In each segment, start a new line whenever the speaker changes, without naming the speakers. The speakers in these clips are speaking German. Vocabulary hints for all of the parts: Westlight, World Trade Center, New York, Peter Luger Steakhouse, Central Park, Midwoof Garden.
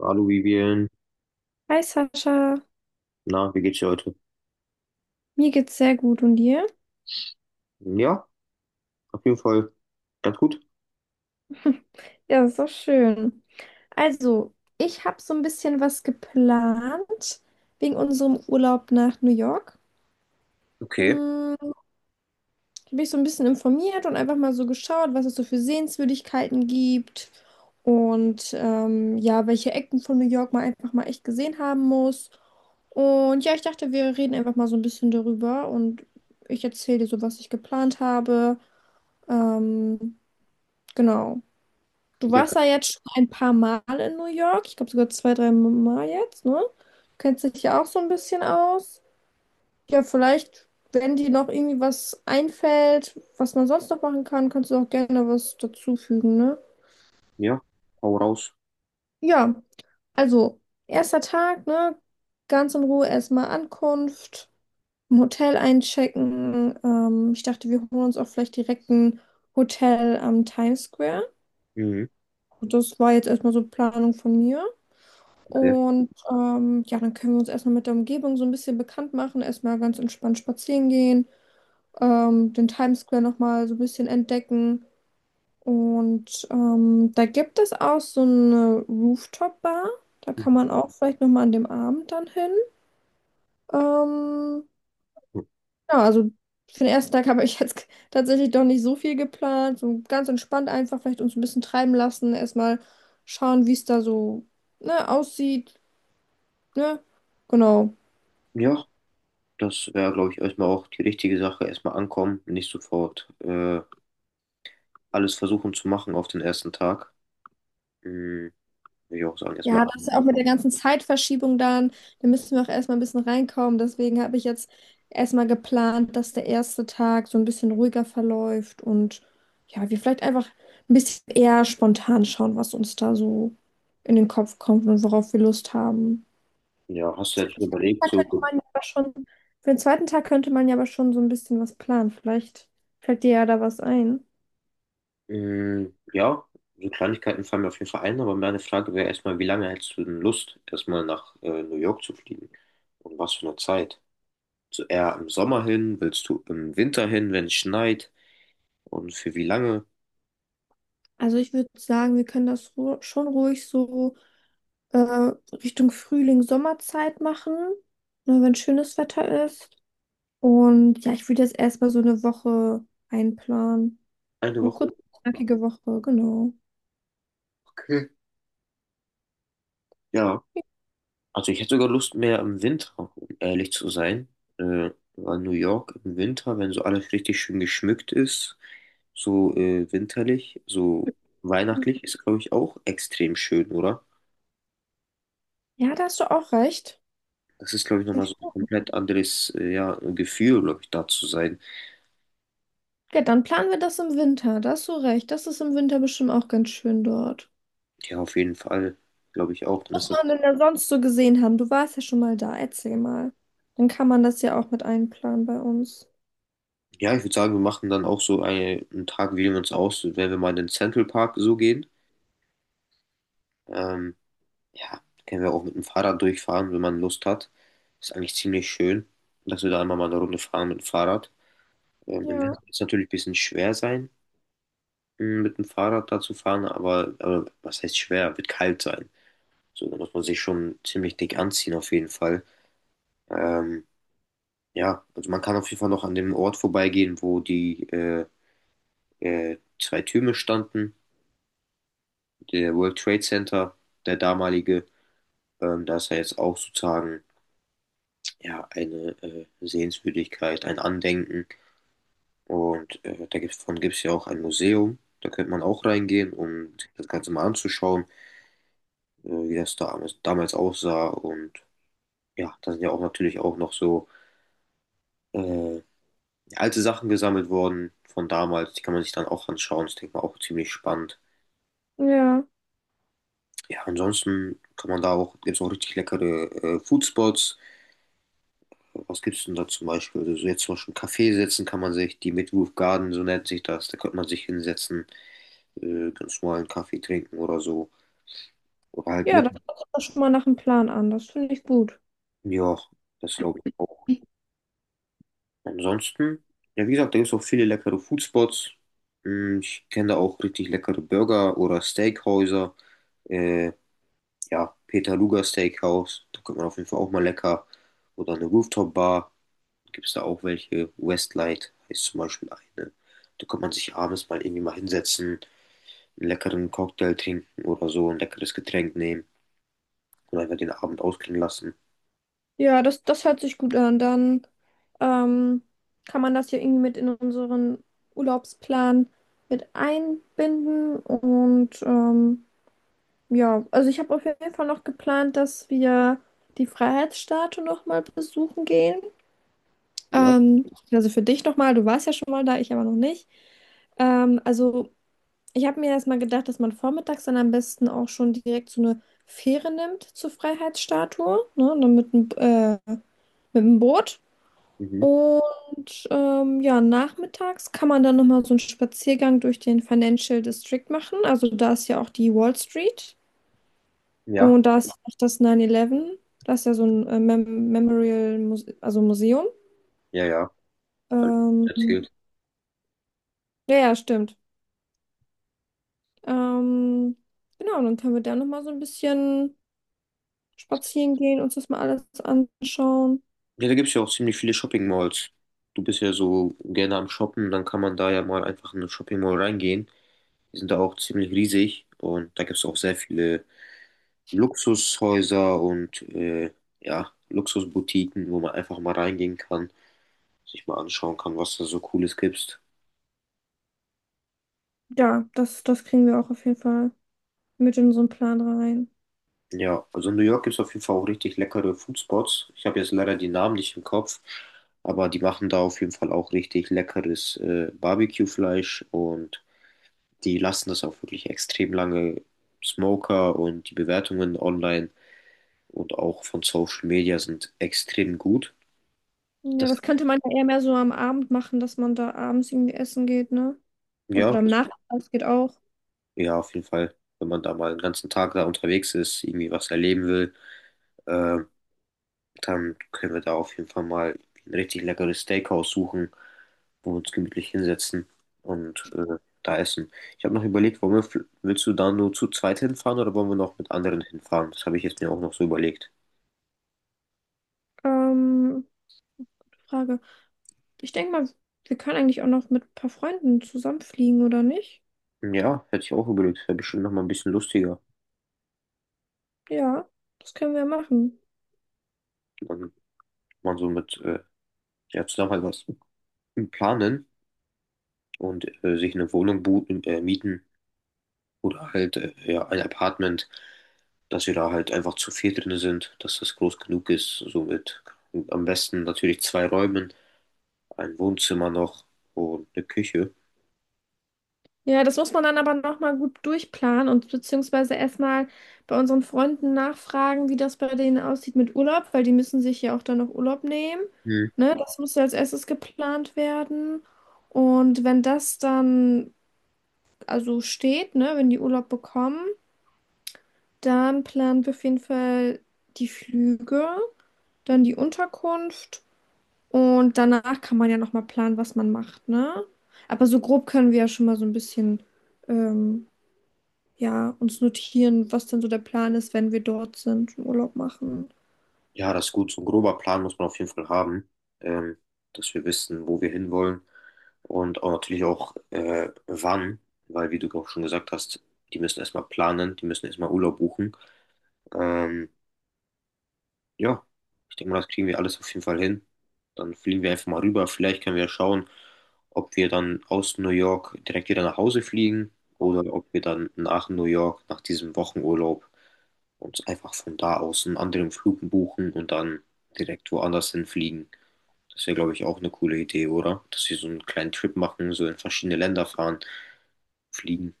Hallo Vivian,
Hi Sascha,
na, wie geht's dir heute?
mir geht's sehr gut und dir?
Ja, auf jeden Fall ganz gut.
Ja, ist doch schön. Also, ich habe so ein bisschen was geplant wegen unserem Urlaub nach New York.
Okay.
Hm, ich bin ich so ein bisschen informiert und einfach mal so geschaut, was es so für Sehenswürdigkeiten gibt und ja, welche Ecken von New York man einfach mal echt gesehen haben muss. Und ja, ich dachte, wir reden einfach mal so ein bisschen darüber und ich erzähle dir so, was ich geplant habe. Ähm, genau. Du
Ja,
warst ja jetzt schon ein paar Mal in New York. Ich glaube sogar zwei, drei Mal jetzt, ne? Du kennst dich ja auch so ein bisschen aus. Ja, vielleicht, wenn dir noch irgendwie was einfällt, was man sonst noch machen kann, kannst du auch gerne was dazufügen, ne?
ja, hau raus.
Ja, also, erster Tag, ne? Ganz in Ruhe erstmal Ankunft, im Hotel einchecken. Ich dachte, wir holen uns auch vielleicht direkt ein Hotel am Times Square.
Mhm.
Das war jetzt erstmal so Planung von mir.
Okay.
Und ja, dann können wir uns erstmal mit der Umgebung so ein bisschen bekannt machen, erstmal ganz entspannt spazieren gehen, den Times Square nochmal so ein bisschen entdecken. Und da gibt es auch so eine Rooftop-Bar. Da kann
Mhm.
man auch vielleicht nochmal an dem Abend dann hin. Ähm, ja, also für den ersten Tag habe ich jetzt tatsächlich doch nicht so viel geplant. So ganz entspannt einfach vielleicht uns ein bisschen treiben lassen, erstmal schauen, wie es da so, ne, aussieht, ne? Genau.
Ja, das wäre, glaube ich, erstmal auch die richtige Sache. Erstmal ankommen, nicht sofort alles versuchen zu machen auf den ersten Tag. Mhm. Würde ich auch sagen, erstmal
Ja, das ist
ankommen.
auch mit der ganzen Zeitverschiebung dann. Da müssen wir auch erstmal ein bisschen reinkommen. Deswegen habe ich jetzt erstmal geplant, dass der erste Tag so ein bisschen ruhiger verläuft und ja, wir vielleicht einfach ein bisschen eher spontan schauen, was uns da so in den Kopf kommt und worauf wir Lust haben.
Ja,
Für
hast du jetzt schon
den zweiten
überlegt, so,
Tag könnte man ja aber schon, für den zweiten Tag könnte man ja aber schon so ein bisschen was planen. Vielleicht fällt dir ja da was ein.
mhm, ja, so Kleinigkeiten fallen mir auf jeden Fall ein, aber meine Frage wäre erstmal, wie lange hättest du denn Lust, erstmal nach New York zu fliegen? Und was für eine Zeit? So eher im Sommer hin? Willst du im Winter hin, wenn es schneit? Und für wie lange?
Also ich würde sagen, wir können das ru schon ruhig so. äh, Richtung Frühling, Sommerzeit machen, ne, wenn schönes Wetter ist. Und ja, ich würde jetzt erstmal so eine Woche einplanen.
Eine
Eine kurze,
Woche?
knackige Woche, genau.
Okay. Ja. Also ich hätte sogar Lust mehr im Winter, um ehrlich zu sein. Äh, Weil New York im Winter, wenn so alles richtig schön geschmückt ist, so winterlich, so weihnachtlich, ist, glaube ich, auch extrem schön, oder?
Ja, da hast du auch recht.
Das ist, glaube ich, nochmal so ein komplett anderes ja, Gefühl, glaube ich, da zu sein.
Ja, dann planen wir das im Winter. Da hast du recht. Das ist im Winter bestimmt auch ganz schön dort.
Ja, auf jeden Fall, glaube ich auch. Dann
Was
ist das
man denn da sonst so gesehen haben? Du warst ja schon mal da. Erzähl mal. Dann kann man das ja auch mit einplanen bei uns.
ja, ich würde sagen, wir machen dann auch so eine, einen Tag, wählen wir uns aus, wenn wir mal in den Central Park so gehen. Ähm, ja, können wir auch mit dem Fahrrad durchfahren, wenn man Lust hat. Ist eigentlich ziemlich schön, dass wir da einmal mal eine Runde fahren mit dem Fahrrad. Im Winter
Ja,
wird es natürlich ein bisschen schwer sein, mit dem Fahrrad da zu fahren, aber was heißt schwer? Wird kalt sein. So, da muss man sich schon ziemlich dick anziehen, auf jeden Fall. Ähm, ja, also man kann auf jeden Fall noch an dem Ort vorbeigehen, wo die zwei Türme standen. Der World Trade Center, der damalige, da ist ja jetzt auch sozusagen ja, eine Sehenswürdigkeit, ein Andenken. Und davon gibt es ja auch ein Museum. Da könnte man auch reingehen, um das Ganze mal anzuschauen, wie das da damals aussah. Und ja, da sind ja auch natürlich auch noch so äh, alte Sachen gesammelt worden von damals. Die kann man sich dann auch anschauen. Das denke ich mal auch ziemlich spannend.
ja.
Ja, ansonsten kann man da auch, gibt es auch richtig leckere Foodspots. Was gibt's denn da zum Beispiel? Also so jetzt zum Beispiel einen Kaffee setzen kann man sich, die Midwoof Garden, so nennt sich das, da könnte man sich hinsetzen, ganz normalen Kaffee trinken oder so. Oder halt
Ja,
mit,
das hört sich doch schon mal nach einem Plan an. Das finde ich gut.
ja, das glaube ich auch. Ansonsten, ja wie gesagt, da gibt's auch viele leckere Foodspots. Hm, ich kenne da auch richtig leckere Burger oder Steakhäuser. Äh, ja, Peter Luger Steakhouse, da könnte man auf jeden Fall auch mal lecker. Oder eine Rooftop-Bar. Gibt es da auch welche? Westlight heißt zum Beispiel eine. Da kann man sich abends mal irgendwie mal hinsetzen, einen leckeren Cocktail trinken oder so, ein leckeres Getränk nehmen und einfach den Abend ausklingen lassen.
Ja, das hört sich gut an. Dann ähm, kann man das hier irgendwie mit in unseren Urlaubsplan mit einbinden. Und ja, also ich habe auf jeden Fall noch geplant, dass wir die Freiheitsstatue nochmal besuchen gehen.
Ja.
Also für dich nochmal, du warst ja schon mal da, ich aber noch nicht. Ähm, also. Ich habe mir erstmal gedacht, dass man vormittags dann am besten auch schon direkt so eine Fähre nimmt zur Freiheitsstatue, ne? Dann mit mit dem Boot.
Mhm.
Und ja, nachmittags kann man dann nochmal so einen Spaziergang durch den Financial District machen. Also da ist ja auch die Wall Street
Ja.
und da ist ja auch das 9-11. Das ist ja so ein Memorial, Muse also Museum.
Ja, ja. Hab ich
Ähm,
erzählt.
ja, ja, stimmt. Ähm, genau, dann können wir da nochmal so ein bisschen spazieren gehen, uns das mal alles anschauen.
Ja, da gibt es ja auch ziemlich viele Shopping Malls. Du bist ja so gerne am Shoppen, dann kann man da ja mal einfach in eine Shopping Mall reingehen. Die sind da auch ziemlich riesig und da gibt es auch sehr viele Luxushäuser und ja, Luxusboutiquen, wo man einfach mal reingehen kann sich mal anschauen kann, was da so Cooles gibt.
Ja, das kriegen wir auch auf jeden Fall mit in unseren Plan rein.
Ja, also in New York gibt es auf jeden Fall auch richtig leckere Foodspots. Ich habe jetzt leider die Namen nicht im Kopf, aber die machen da auf jeden Fall auch richtig leckeres Barbecue-Fleisch und die lassen das auch wirklich extrem lange. Smoker und die Bewertungen online und auch von Social Media sind extrem gut.
Ja,
Das,
das könnte man ja eher mehr so am Abend machen, dass man da abends irgendwie essen geht, ne?
ja,
Oder am
das,
Nachmittag geht auch.
ja, auf jeden Fall, wenn man da mal einen ganzen Tag da unterwegs ist, irgendwie was erleben will. Ähm, Dann können wir da auf jeden Fall mal ein richtig leckeres Steakhouse suchen, wo wir uns gemütlich hinsetzen und da essen. Ich habe noch überlegt, wollen wir, willst du da nur zu zweit hinfahren oder wollen wir noch mit anderen hinfahren? Das habe ich jetzt mir auch noch so überlegt.
Ähm, Frage. Ich denke mal, wir können eigentlich auch noch mit ein paar Freunden zusammenfliegen, oder nicht?
Ja, hätte ich auch überlegt. Wäre bestimmt noch mal ein bisschen lustiger.
Ja, das können wir machen.
Dann man so mit ja, zusammen halt was planen und sich eine Wohnung mieten. Oder halt, ja, ein Apartment, dass wir da halt einfach zu viert drin sind, dass das groß genug ist. Somit am besten natürlich zwei Räumen, ein Wohnzimmer noch und eine Küche.
Ja, das muss man dann aber nochmal gut durchplanen und beziehungsweise erstmal bei unseren Freunden nachfragen, wie das bei denen aussieht mit Urlaub, weil die müssen sich ja auch dann noch Urlaub nehmen.
Hm.
Ne? Das muss ja als erstes geplant werden. Und wenn das dann also steht, ne, wenn die Urlaub bekommen, dann planen wir auf jeden Fall die Flüge, dann die Unterkunft und danach kann man ja nochmal planen, was man macht, ne? Aber so grob können wir ja schon mal so ein bisschen ähm, ja, uns notieren, was denn so der Plan ist, wenn wir dort sind und Urlaub machen.
Ja, das ist gut. So ein grober Plan muss man auf jeden Fall haben, ähm, dass wir wissen, wo wir hinwollen und auch natürlich auch wann, weil wie du auch schon gesagt hast, die müssen erstmal planen, die müssen erstmal Urlaub buchen. Ähm, Ja, ich denke mal, das kriegen wir alles auf jeden Fall hin. Dann fliegen wir einfach mal rüber. Vielleicht können wir schauen, ob wir dann aus New York direkt wieder nach Hause fliegen oder ob wir dann nach New York, nach diesem Wochenurlaub, uns einfach von da aus einen anderen Flug buchen und dann direkt woanders hinfliegen. Das wäre, glaube ich, auch eine coole Idee, oder? Dass wir so einen kleinen Trip machen, so in verschiedene Länder fahren, fliegen.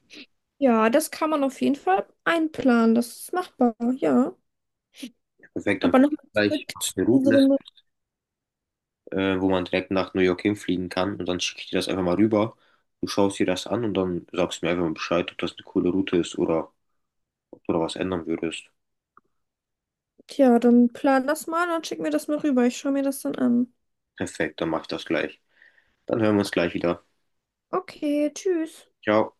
Ja, das kann man auf jeden Fall einplanen. Das ist machbar, ja.
Perfekt, dann
Aber
gucken
nochmal
wir
zurück
gleich, was
zu
für Routen es
unseren.
wo man direkt nach New York hinfliegen kann. Und dann schicke ich dir das einfach mal rüber. Du schaust dir das an und dann sagst du mir einfach mal Bescheid, ob das eine coole Route ist oder ob du da was ändern würdest.
Ja, dann plan das mal, dann schick mir das mal rüber. Ich schaue mir das dann an.
Perfekt, dann mach ich das gleich. Dann hören wir uns gleich wieder.
Okay, tschüss.
Ciao.